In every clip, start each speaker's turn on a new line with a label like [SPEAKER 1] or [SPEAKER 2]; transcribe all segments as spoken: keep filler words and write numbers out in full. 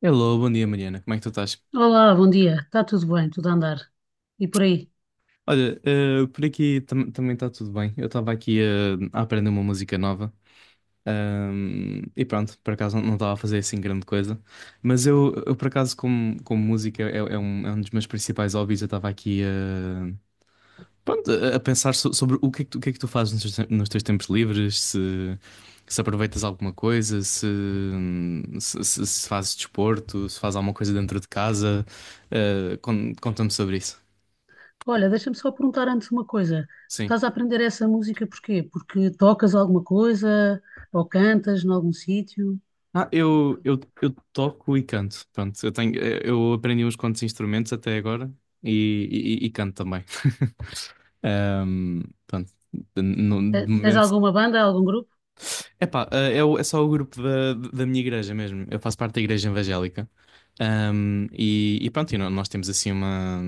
[SPEAKER 1] Hello, bom dia Mariana, como é que tu estás?
[SPEAKER 2] Olá, bom dia. Está tudo bem, tudo a andar. E por aí?
[SPEAKER 1] Olha, eh, por aqui tam- também está tudo bem. Eu estava aqui eh, a aprender uma música nova, ahm, e pronto, por acaso não estava a fazer assim grande coisa. Mas eu, eu por acaso, como, como música é, é um, é um dos meus principais hobbies, eu estava aqui eh, pronto, a a pensar so- sobre o que é que tu, o que é que tu fazes nos teus, tem- nos teus tempos livres, se, se aproveitas alguma coisa, se, se, se- se fazes desporto, se fazes alguma coisa dentro de casa. Eh, con- conta-me sobre isso.
[SPEAKER 2] Olha, deixa-me só perguntar antes uma coisa. Tu
[SPEAKER 1] Sim.
[SPEAKER 2] estás a aprender essa música porquê? Porque tocas alguma coisa ou cantas em algum sítio?
[SPEAKER 1] Ah, eu, eu, eu toco e canto. Pronto, eu tenho, eh, eu aprendi uns quantos instrumentos até agora e, e, e canto também. Ahm, Pronto, de, no-
[SPEAKER 2] Te-
[SPEAKER 1] de
[SPEAKER 2] Tens
[SPEAKER 1] momento.
[SPEAKER 2] alguma banda, algum grupo?
[SPEAKER 1] Epá, eh, é, o- é só o grupo da, da minha igreja mesmo. Eu faço parte da igreja evangélica. Ahm, e, e pronto, e nó- nós temos assim uma,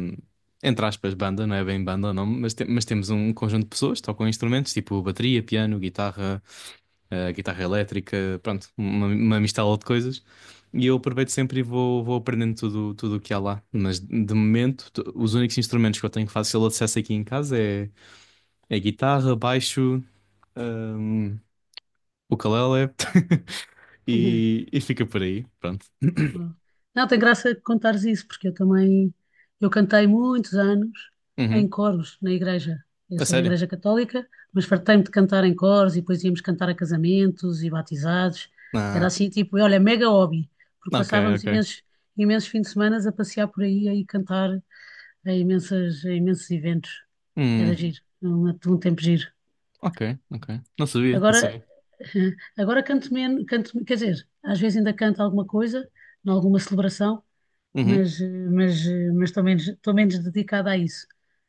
[SPEAKER 1] entre aspas, banda, não é bem banda o nome, mas, te- mas temos um conjunto de pessoas que tocam instrumentos, tipo bateria, piano, guitarra, eh, guitarra elétrica, pronto, uma, uma mistela de coisas. E eu aproveito sempre e vou, vou aprendendo tudo tudo o que há lá. Mas de momento, t- os únicos instrumentos que eu tenho fácil acesso aqui em casa é, é guitarra, baixo, hum, o ukulele e, e fica por aí, pronto.
[SPEAKER 2] Boa. Não, tem graça contares isso, porque eu também, eu cantei muitos anos em
[SPEAKER 1] Uhum.
[SPEAKER 2] coros na igreja. Eu
[SPEAKER 1] A
[SPEAKER 2] sou da
[SPEAKER 1] sério?
[SPEAKER 2] Igreja Católica, mas fartei-me de cantar em coros e depois íamos cantar a casamentos e batizados. Era
[SPEAKER 1] Ah,
[SPEAKER 2] assim, tipo, olha, mega hobby, porque
[SPEAKER 1] ok,
[SPEAKER 2] passávamos
[SPEAKER 1] ok.
[SPEAKER 2] imensos, imensos fins de semana a passear por aí e cantar a imensas, em imensos eventos. Era
[SPEAKER 1] Hum,
[SPEAKER 2] giro, um, um tempo giro.
[SPEAKER 1] ok, ok. Não sabia, não
[SPEAKER 2] Agora,
[SPEAKER 1] sabia.
[SPEAKER 2] agora canto menos, canto, quer dizer, às vezes ainda canto alguma coisa, em alguma celebração,
[SPEAKER 1] Uhum,
[SPEAKER 2] mas, eh, mas, eh, mas estou menos, estou menos dedicada a isso.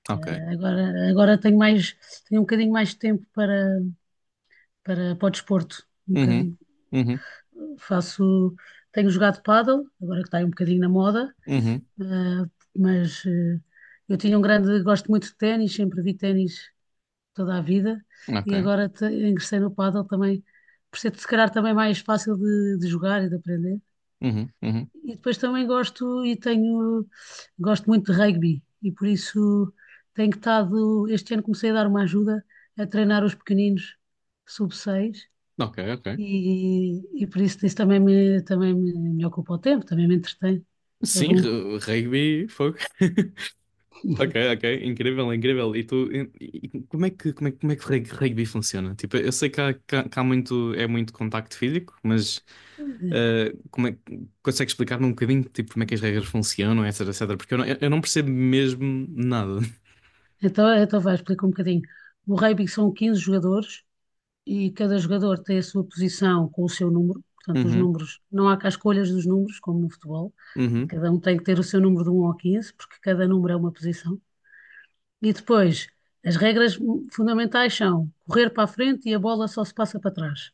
[SPEAKER 1] ok.
[SPEAKER 2] Eh, agora, agora tenho mais, tenho um bocadinho mais de tempo para, para, para o desporto. Um
[SPEAKER 1] Uhum,
[SPEAKER 2] bocadinho.
[SPEAKER 1] uhum,
[SPEAKER 2] Faço, tenho jogado pádel, agora que está aí um bocadinho na moda,
[SPEAKER 1] uhum,
[SPEAKER 2] eh, mas eh, eu tinha um grande, gosto muito de ténis, sempre vi ténis toda a vida e
[SPEAKER 1] ok.
[SPEAKER 2] agora te- ingressei no pádel também, por ser se calhar também mais fácil de, de jogar e de aprender.
[SPEAKER 1] Uhum, uhum,
[SPEAKER 2] E depois também gosto e tenho, gosto muito de rugby e por isso tenho estado, este ano comecei a dar uma ajuda a treinar os pequeninos sub seis
[SPEAKER 1] ok, ok.
[SPEAKER 2] e, e por isso isso também me, também me, me ocupa o tempo, também me entretém, é
[SPEAKER 1] Sim,
[SPEAKER 2] bom.
[SPEAKER 1] ru- rugby, fogo. Ok, ok, incrível, incrível. E tu, e- e como é que, como é, que- como é que rug- rugby funciona? Tipo, eu sei que há, que há- que há muito, é muito contacto físico, mas
[SPEAKER 2] É.
[SPEAKER 1] eh, como é, que- consegue explicar-me um bocadinho, tipo, como é que as regras funcionam, etc, etc, porque eu não, eu não percebo mesmo nada.
[SPEAKER 2] Então, então vai, explica um bocadinho. O rugby são quinze jogadores e cada jogador tem a sua posição com o seu número, portanto, os
[SPEAKER 1] Uhum,
[SPEAKER 2] números, não há cá escolhas dos números, como no futebol,
[SPEAKER 1] uhum.
[SPEAKER 2] cada um tem que ter o seu número de um ao quinze porque cada número é uma posição. E depois, as regras fundamentais são correr para a frente e a bola só se passa para trás.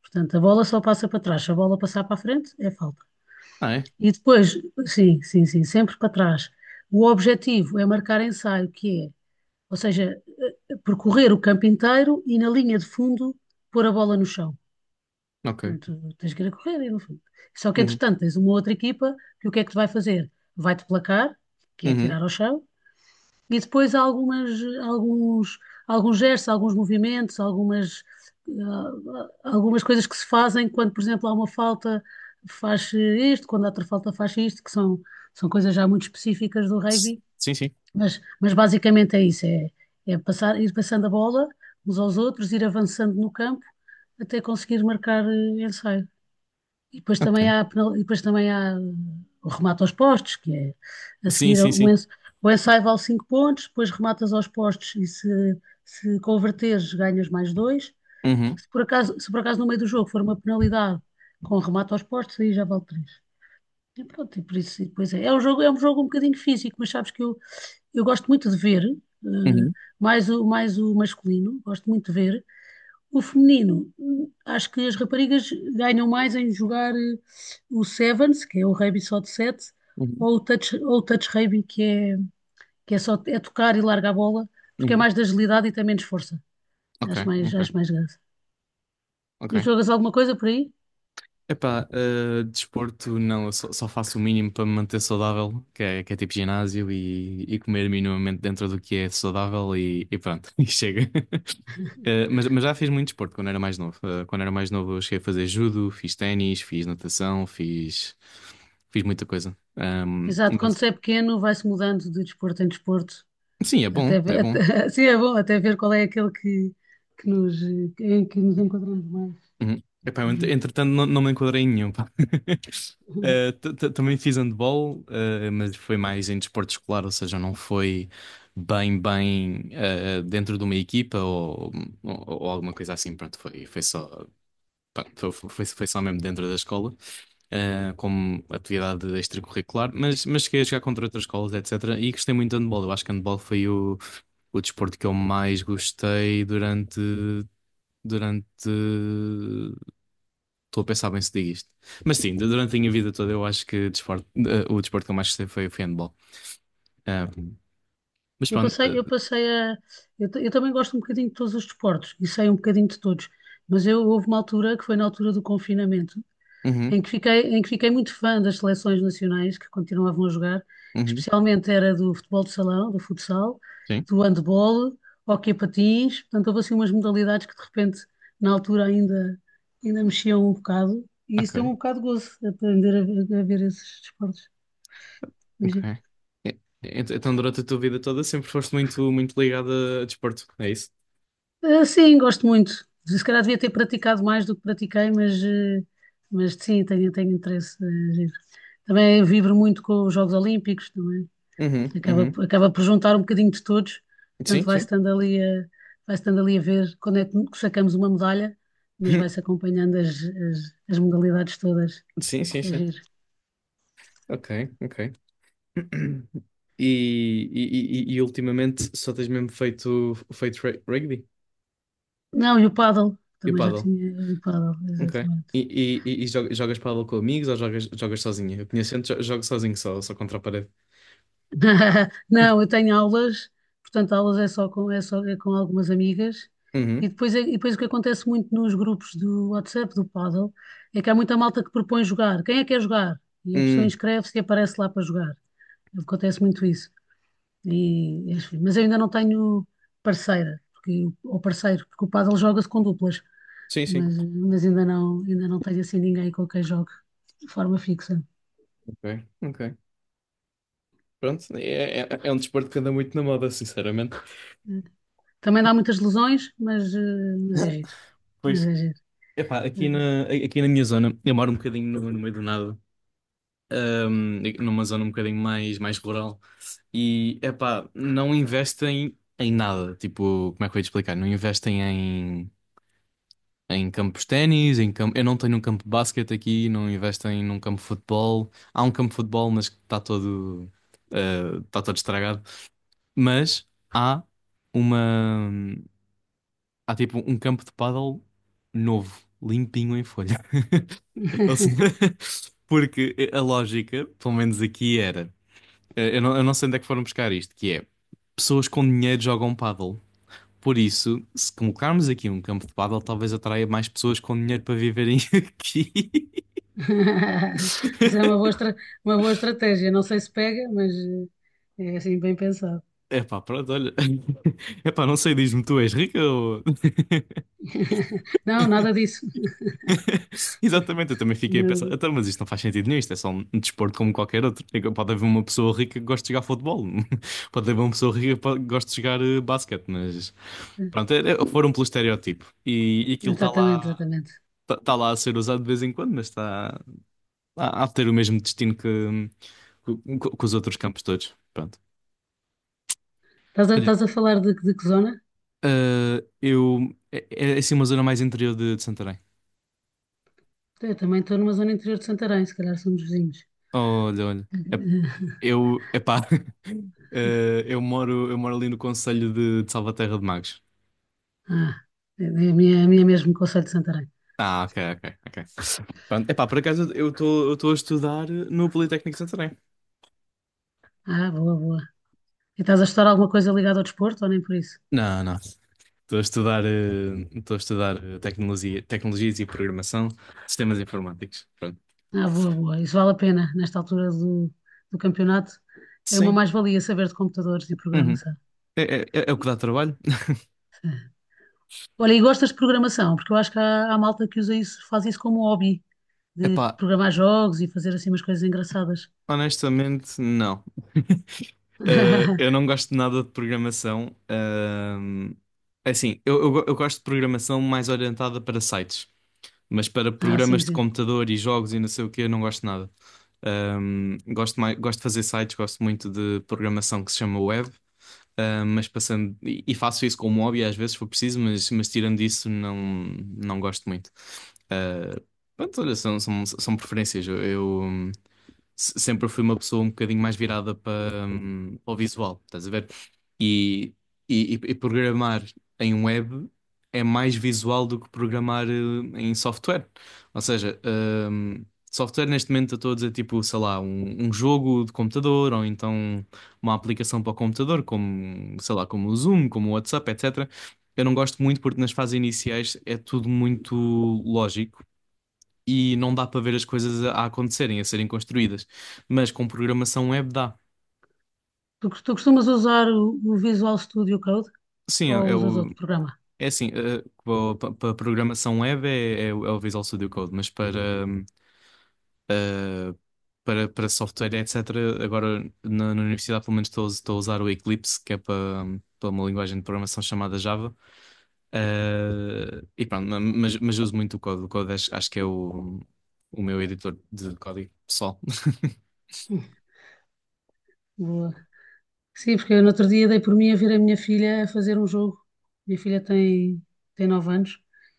[SPEAKER 2] Portanto, a bola só passa para trás, se a bola passar para a frente, é falta.
[SPEAKER 1] Ah, é?
[SPEAKER 2] E depois, sim, sim, sim, sempre para trás. O objetivo é marcar ensaio, que é, ou seja, eh, percorrer o campo inteiro e na linha de fundo pôr a bola no chão.
[SPEAKER 1] Ok.
[SPEAKER 2] Pronto, tens que ir a correr, e no fundo. Só que,
[SPEAKER 1] Uhum,
[SPEAKER 2] entretanto, tens uma outra equipa que o que é que te vai fazer? Vai-te placar, que é
[SPEAKER 1] uhum.
[SPEAKER 2] tirar ao chão, e depois há algumas, alguns, alguns gestos, alguns movimentos, algumas, ah, algumas coisas que se fazem quando, por exemplo, há uma falta, faz isto, quando há outra falta, faz isto, que são, são coisas já muito específicas do
[SPEAKER 1] S-
[SPEAKER 2] rugby,
[SPEAKER 1] Sim, sim.
[SPEAKER 2] mas, mas basicamente é isso, é, é passar, ir passando a bola uns aos outros, ir avançando no campo até conseguir marcar eh, ensaio. E depois
[SPEAKER 1] Ok.
[SPEAKER 2] também há, a penal- e depois também há uh, o remate aos postos, que é a
[SPEAKER 1] Sim,
[SPEAKER 2] seguir
[SPEAKER 1] sim,
[SPEAKER 2] o,
[SPEAKER 1] sim.
[SPEAKER 2] ens, o ensaio vale cinco pontos, depois rematas aos postos e se, se converteres ganhas mais dois.
[SPEAKER 1] Uhum,
[SPEAKER 2] Se por acaso, se por acaso no meio do jogo for uma penalidade com remate aos postos, aí já vale três. E pronto, e por isso, e depois é. É um jogo, é um jogo um bocadinho físico, mas sabes que eu, eu gosto muito de ver, eh,
[SPEAKER 1] uhum,
[SPEAKER 2] mais o, mais o masculino, gosto muito de ver, o feminino, hum, acho que as raparigas ganham mais em jogar eh, o Sevens, que é o rugby só de sete,
[SPEAKER 1] uhum,
[SPEAKER 2] ou o touch, ou o touch rugby, que é, que é só é tocar e largar a bola, porque é
[SPEAKER 1] uhum.
[SPEAKER 2] mais de agilidade e tem menos força.
[SPEAKER 1] Ok,
[SPEAKER 2] Acho mais,
[SPEAKER 1] ok,
[SPEAKER 2] acho mais graça.
[SPEAKER 1] ok.
[SPEAKER 2] E jogas alguma coisa por aí?
[SPEAKER 1] Epá, eh, desporto não, eu só, só faço o mínimo para me manter saudável, que é, que é tipo ginásio e, e comer minimamente dentro do que é saudável e, e pronto, e chega. Eh, mas, mas já fiz muito desporto quando era mais novo. Eh, quando era mais novo eu cheguei a fazer judo, fiz ténis, fiz natação, fiz, fiz muita coisa. Ahm,
[SPEAKER 2] Exato, quando
[SPEAKER 1] mas,
[SPEAKER 2] se é pequeno vai-se mudando de desporto em desporto,
[SPEAKER 1] sim, é bom,
[SPEAKER 2] até,
[SPEAKER 1] é
[SPEAKER 2] ver-
[SPEAKER 1] bom.
[SPEAKER 2] até sim, é bom, até ver qual é aquele que, que nos, eh, em que nos enquadramos mais.
[SPEAKER 1] Uhum. Epá, eu, ent- entretanto não, não me enquadrei em nenhum, pá. Uh, t- t- também fiz handball, uh, mas foi mais em desporto escolar, ou seja, não foi bem, bem, uh, dentro de uma equipa ou, ou, ou alguma coisa assim. Pronto, foi, foi só, pá, foi, foi, foi só mesmo dentro da escola, uh, como atividade extracurricular, mas, mas cheguei a jogar contra outras escolas, etcétera. E gostei muito de handball. Eu acho que handball foi o, o desporto que eu mais gostei durante, durante... Estou a pensar bem se digo isto. Mas sim, durante a minha vida toda eu acho que desporto- eh, o desporto que eu mais gostei foi, foi handball. Ah, mas
[SPEAKER 2] Eu
[SPEAKER 1] pronto.
[SPEAKER 2] passei, eu
[SPEAKER 1] Eh,
[SPEAKER 2] passei a. Eu, ta- eu também gosto um bocadinho de todos os desportos e sei um bocadinho de todos, mas eu houve uma altura que foi na altura do confinamento,
[SPEAKER 1] uhum,
[SPEAKER 2] em que fiquei, em que fiquei muito fã das seleções nacionais que continuavam a jogar,
[SPEAKER 1] uhum,
[SPEAKER 2] especialmente era do futebol de salão, do futsal,
[SPEAKER 1] sim.
[SPEAKER 2] do handball, hóquei a patins, portanto houve assim umas modalidades que de repente na altura ainda, ainda mexiam um bocado e isso
[SPEAKER 1] Ok,
[SPEAKER 2] deu-me um bocado de gozo aprender a, ver a ver esses desportos.
[SPEAKER 1] ok. E- ent- Então durante a tua vida toda sempre foste muito, muito ligada a desporto, é isso?
[SPEAKER 2] Eh, Sim, gosto muito. Se calhar devia ter praticado mais do que pratiquei, mas, eh, mas sim, tenho, tenho interesse. eh, giro. Também vibro muito com os Jogos Olímpicos, também.
[SPEAKER 1] Uhum,
[SPEAKER 2] Acaba,
[SPEAKER 1] uhum.
[SPEAKER 2] por- acaba por juntar um bocadinho de todos, portanto
[SPEAKER 1] Sim,
[SPEAKER 2] vai
[SPEAKER 1] sim.
[SPEAKER 2] estando ali a, vai estando ali a ver quando é que sacamos uma medalha, mas vai-se acompanhando as, as, as modalidades todas.
[SPEAKER 1] Sim, sim,
[SPEAKER 2] É
[SPEAKER 1] sim.
[SPEAKER 2] giro.
[SPEAKER 1] Ok, ok. E, e, e, e ultimamente só tens mesmo feito, feito re- rugby
[SPEAKER 2] Não, e o pádel,
[SPEAKER 1] e
[SPEAKER 2] também já
[SPEAKER 1] paddle?
[SPEAKER 2] tinha eh, o pádel,
[SPEAKER 1] Ok.
[SPEAKER 2] exatamente.
[SPEAKER 1] E, e, e e jo- jogas paddle com amigos ou jogas, jogas sozinha? Eu conheço gente, jo- jogo sozinho só, só contra a parede.
[SPEAKER 2] Não, eu tenho aulas, portanto, aulas é só com, é só é com algumas amigas. E
[SPEAKER 1] Uhum.
[SPEAKER 2] depois, é- e depois o que acontece muito nos grupos do WhatsApp, do Paddle, é que há muita malta que propõe jogar. Quem é que quer jogar? E a pessoa
[SPEAKER 1] Hum,
[SPEAKER 2] inscreve-se e aparece lá para jogar. Acontece muito isso. E, enfim, mas eu ainda não tenho parceira, porque, ou parceiro, porque o Paddle joga-se com duplas.
[SPEAKER 1] sim, sim.
[SPEAKER 2] Mas, mas ainda não, ainda não tenho assim ninguém com quem jogue de forma fixa.
[SPEAKER 1] Ok, ok. Pronto, é, é, é um desporto que anda muito na moda, sinceramente.
[SPEAKER 2] Também dá muitas lesões, mas, eh, mas é giro. Mas
[SPEAKER 1] Pois,
[SPEAKER 2] é giro.
[SPEAKER 1] epá,
[SPEAKER 2] É
[SPEAKER 1] aqui
[SPEAKER 2] giro.
[SPEAKER 1] na, aqui na minha zona, eu moro um bocadinho no, no meio do nada, hum, numa zona um bocadinho mais, mais rural, e epá, não investem em nada. Tipo, como é que eu ia te explicar? Não investem em. Em campos de ténis, em campo... eu não tenho um campo de basquete aqui, não investem num campo de futebol. Há um campo de futebol, mas que está todo, eh, está todo estragado. Mas há uma. Há tipo um campo de pádel novo, limpinho em folha. Ou seja, porque a lógica, pelo menos aqui, era. eh, Eu não, eu não sei onde é que foram buscar isto, que é: pessoas com dinheiro jogam pádel. Por isso, se colocarmos aqui um campo de pádel, talvez atraia mais pessoas com dinheiro para viverem aqui.
[SPEAKER 2] Isso é uma boa, estra- uma boa estratégia. Não sei se pega, mas eh, é assim bem pensado.
[SPEAKER 1] Epá, pronto, olha. Epá, não sei, diz-me, tu és rica ou...
[SPEAKER 2] Não, nada disso.
[SPEAKER 1] Exatamente, eu também fiquei a pensar,
[SPEAKER 2] Nada.
[SPEAKER 1] então, mas isto não faz sentido nenhum, isto é só um desporto como qualquer outro. É que pode haver uma pessoa rica que goste de jogar futebol, pode haver uma pessoa rica que pode- goste de jogar eh, basquete, mas... Pronto, é- é- foram pelo estereótipo. E, e aquilo está
[SPEAKER 2] Exatamente,
[SPEAKER 1] lá,
[SPEAKER 2] exatamente.
[SPEAKER 1] tá, tá lá a ser usado de vez em quando, mas está a, a ter o mesmo destino que, que, que os outros campos todos. Pronto.
[SPEAKER 2] Estás a,
[SPEAKER 1] Olha,
[SPEAKER 2] estás a falar de, de que zona?
[SPEAKER 1] eh, eu... É, é assim uma zona mais interior de de Santarém.
[SPEAKER 2] Eu também estou numa zona interior de Santarém, se calhar somos vizinhos.
[SPEAKER 1] Olha, olha. É- Eu, epá, eh, eu moro, eu moro ali no Conselho de, de Salvaterra de Magos.
[SPEAKER 2] Ah, é é a minha, é a minha mesmo, Conselho de Santarém.
[SPEAKER 1] Ah, ok, ok, ok. Pronto, epá, por acaso eu estou eu estou a estudar no Politécnico de Santarém.
[SPEAKER 2] Ah, boa, boa. E estás a estudar alguma coisa ligada ao desporto ou nem por isso?
[SPEAKER 1] Não, não. Estou a estudar, eh, estou a estudar eh, tecnologia, tecnologias e programação, sistemas informáticos. Pronto.
[SPEAKER 2] Ah, boa, boa. Isso vale a pena nesta altura do, do campeonato. É uma
[SPEAKER 1] Sim.
[SPEAKER 2] mais-valia saber de computadores e
[SPEAKER 1] Uhum.
[SPEAKER 2] programação.
[SPEAKER 1] É, é, é o que dá trabalho.
[SPEAKER 2] Sim. Olha, e gostas de programação? Porque eu acho que há, há malta que usa isso, faz isso como um hobby, de
[SPEAKER 1] Epá,
[SPEAKER 2] programar jogos e fazer assim umas coisas engraçadas.
[SPEAKER 1] honestamente, não. Eh, eu não gosto de nada de programação. Ahm, é assim, eu, eu, go- eu gosto de programação mais orientada para sites, mas para
[SPEAKER 2] Ah, sim,
[SPEAKER 1] programas de
[SPEAKER 2] sim.
[SPEAKER 1] computador e jogos e não sei o que, eu não gosto de nada. Ahm, gosto mais, gosto de fazer sites, gosto muito de programação que se chama web, ahm, mas passando, e, e faço isso como hobby às vezes se for preciso, mas, mas tirando isso, não, não gosto muito. Ah, pronto, olha, são, são, são preferências. Eu, se- sempre fui uma pessoa um bocadinho mais virada para, hum, para o visual, estás a ver? E, e, e- e programar em web é mais visual do que programar eh, em software. Ou seja, hum, software neste momento eu estou a dizer tipo, sei lá, um, um jogo de computador ou então uma aplicação para o computador, como, sei lá, como o Zoom, como o WhatsApp, etcétera. Eu não gosto muito porque nas fases iniciais é tudo muito lógico e não dá para ver as coisas a, a acontecerem, a serem construídas. Mas com programação web dá.
[SPEAKER 2] Tu, tu costumas usar o, o Visual Studio Code
[SPEAKER 1] Sim,
[SPEAKER 2] ou
[SPEAKER 1] é, é
[SPEAKER 2] usas
[SPEAKER 1] o,
[SPEAKER 2] outro programa?
[SPEAKER 1] é assim, para programação web é, é o é o Visual Studio Code, mas para, hum, ah, para, para software, etcétera, agora na, na universidade pelo menos estou, a us- estou a usar o Eclipse, que é para, hum, para uma linguagem de programação chamada Java. Ah, e pronto, ma- mas, mas uso muito o código. O código acho, acho que é o, o meu editor de código pessoal.
[SPEAKER 2] Boa. Sim, porque eu no outro dia dei por mim a ver a minha filha a fazer um jogo. Minha filha tem, tem, nove anos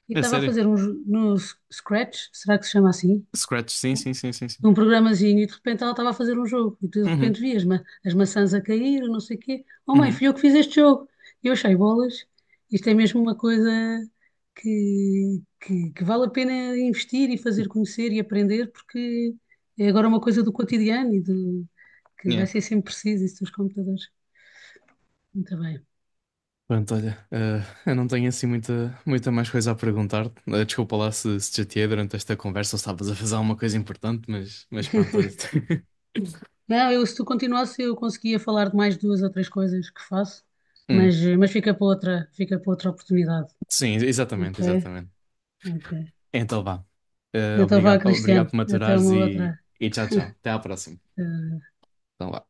[SPEAKER 2] e
[SPEAKER 1] É
[SPEAKER 2] estava a
[SPEAKER 1] sério.
[SPEAKER 2] fazer um jo- no S- Scratch, será que se chama assim?
[SPEAKER 1] Scratch, sim, sim, sim, sim, sim.
[SPEAKER 2] Um programazinho e de repente ela estava a fazer um jogo e tu de
[SPEAKER 1] Uhum,
[SPEAKER 2] repente vias ma as maçãs a cair, não sei o quê. Oh mãe,
[SPEAKER 1] uhum,
[SPEAKER 2] fui eu que fiz este jogo. E eu achei bolas. Isto é mesmo uma coisa que, que, que vale a pena investir e fazer conhecer e aprender porque é agora uma coisa do cotidiano e do que
[SPEAKER 1] yeah.
[SPEAKER 2] vai ser sempre preciso isso dos computadores. Muito bem.
[SPEAKER 1] Pronto, olha, eh, eu não tenho assim muita, muita mais coisa a perguntar. Eh, desculpa lá se, se te chateei durante esta conversa ou estavas a fazer alguma coisa importante, mas, mas pronto, olha.
[SPEAKER 2] Não, eu, se tu continuasse, eu conseguia falar de mais duas ou três coisas que faço,
[SPEAKER 1] Hum,
[SPEAKER 2] mas, mas fica para outra, fica para outra oportunidade.
[SPEAKER 1] sim, exatamente,
[SPEAKER 2] Ok?
[SPEAKER 1] exatamente.
[SPEAKER 2] Ok.
[SPEAKER 1] Então vá. Eh,
[SPEAKER 2] Então vá,
[SPEAKER 1] obrigado, obrigado
[SPEAKER 2] Cristiano,
[SPEAKER 1] por
[SPEAKER 2] até
[SPEAKER 1] maturares
[SPEAKER 2] uma
[SPEAKER 1] e,
[SPEAKER 2] outra.
[SPEAKER 1] e tchau, tchau. Até à próxima.
[SPEAKER 2] eh,
[SPEAKER 1] Então vá.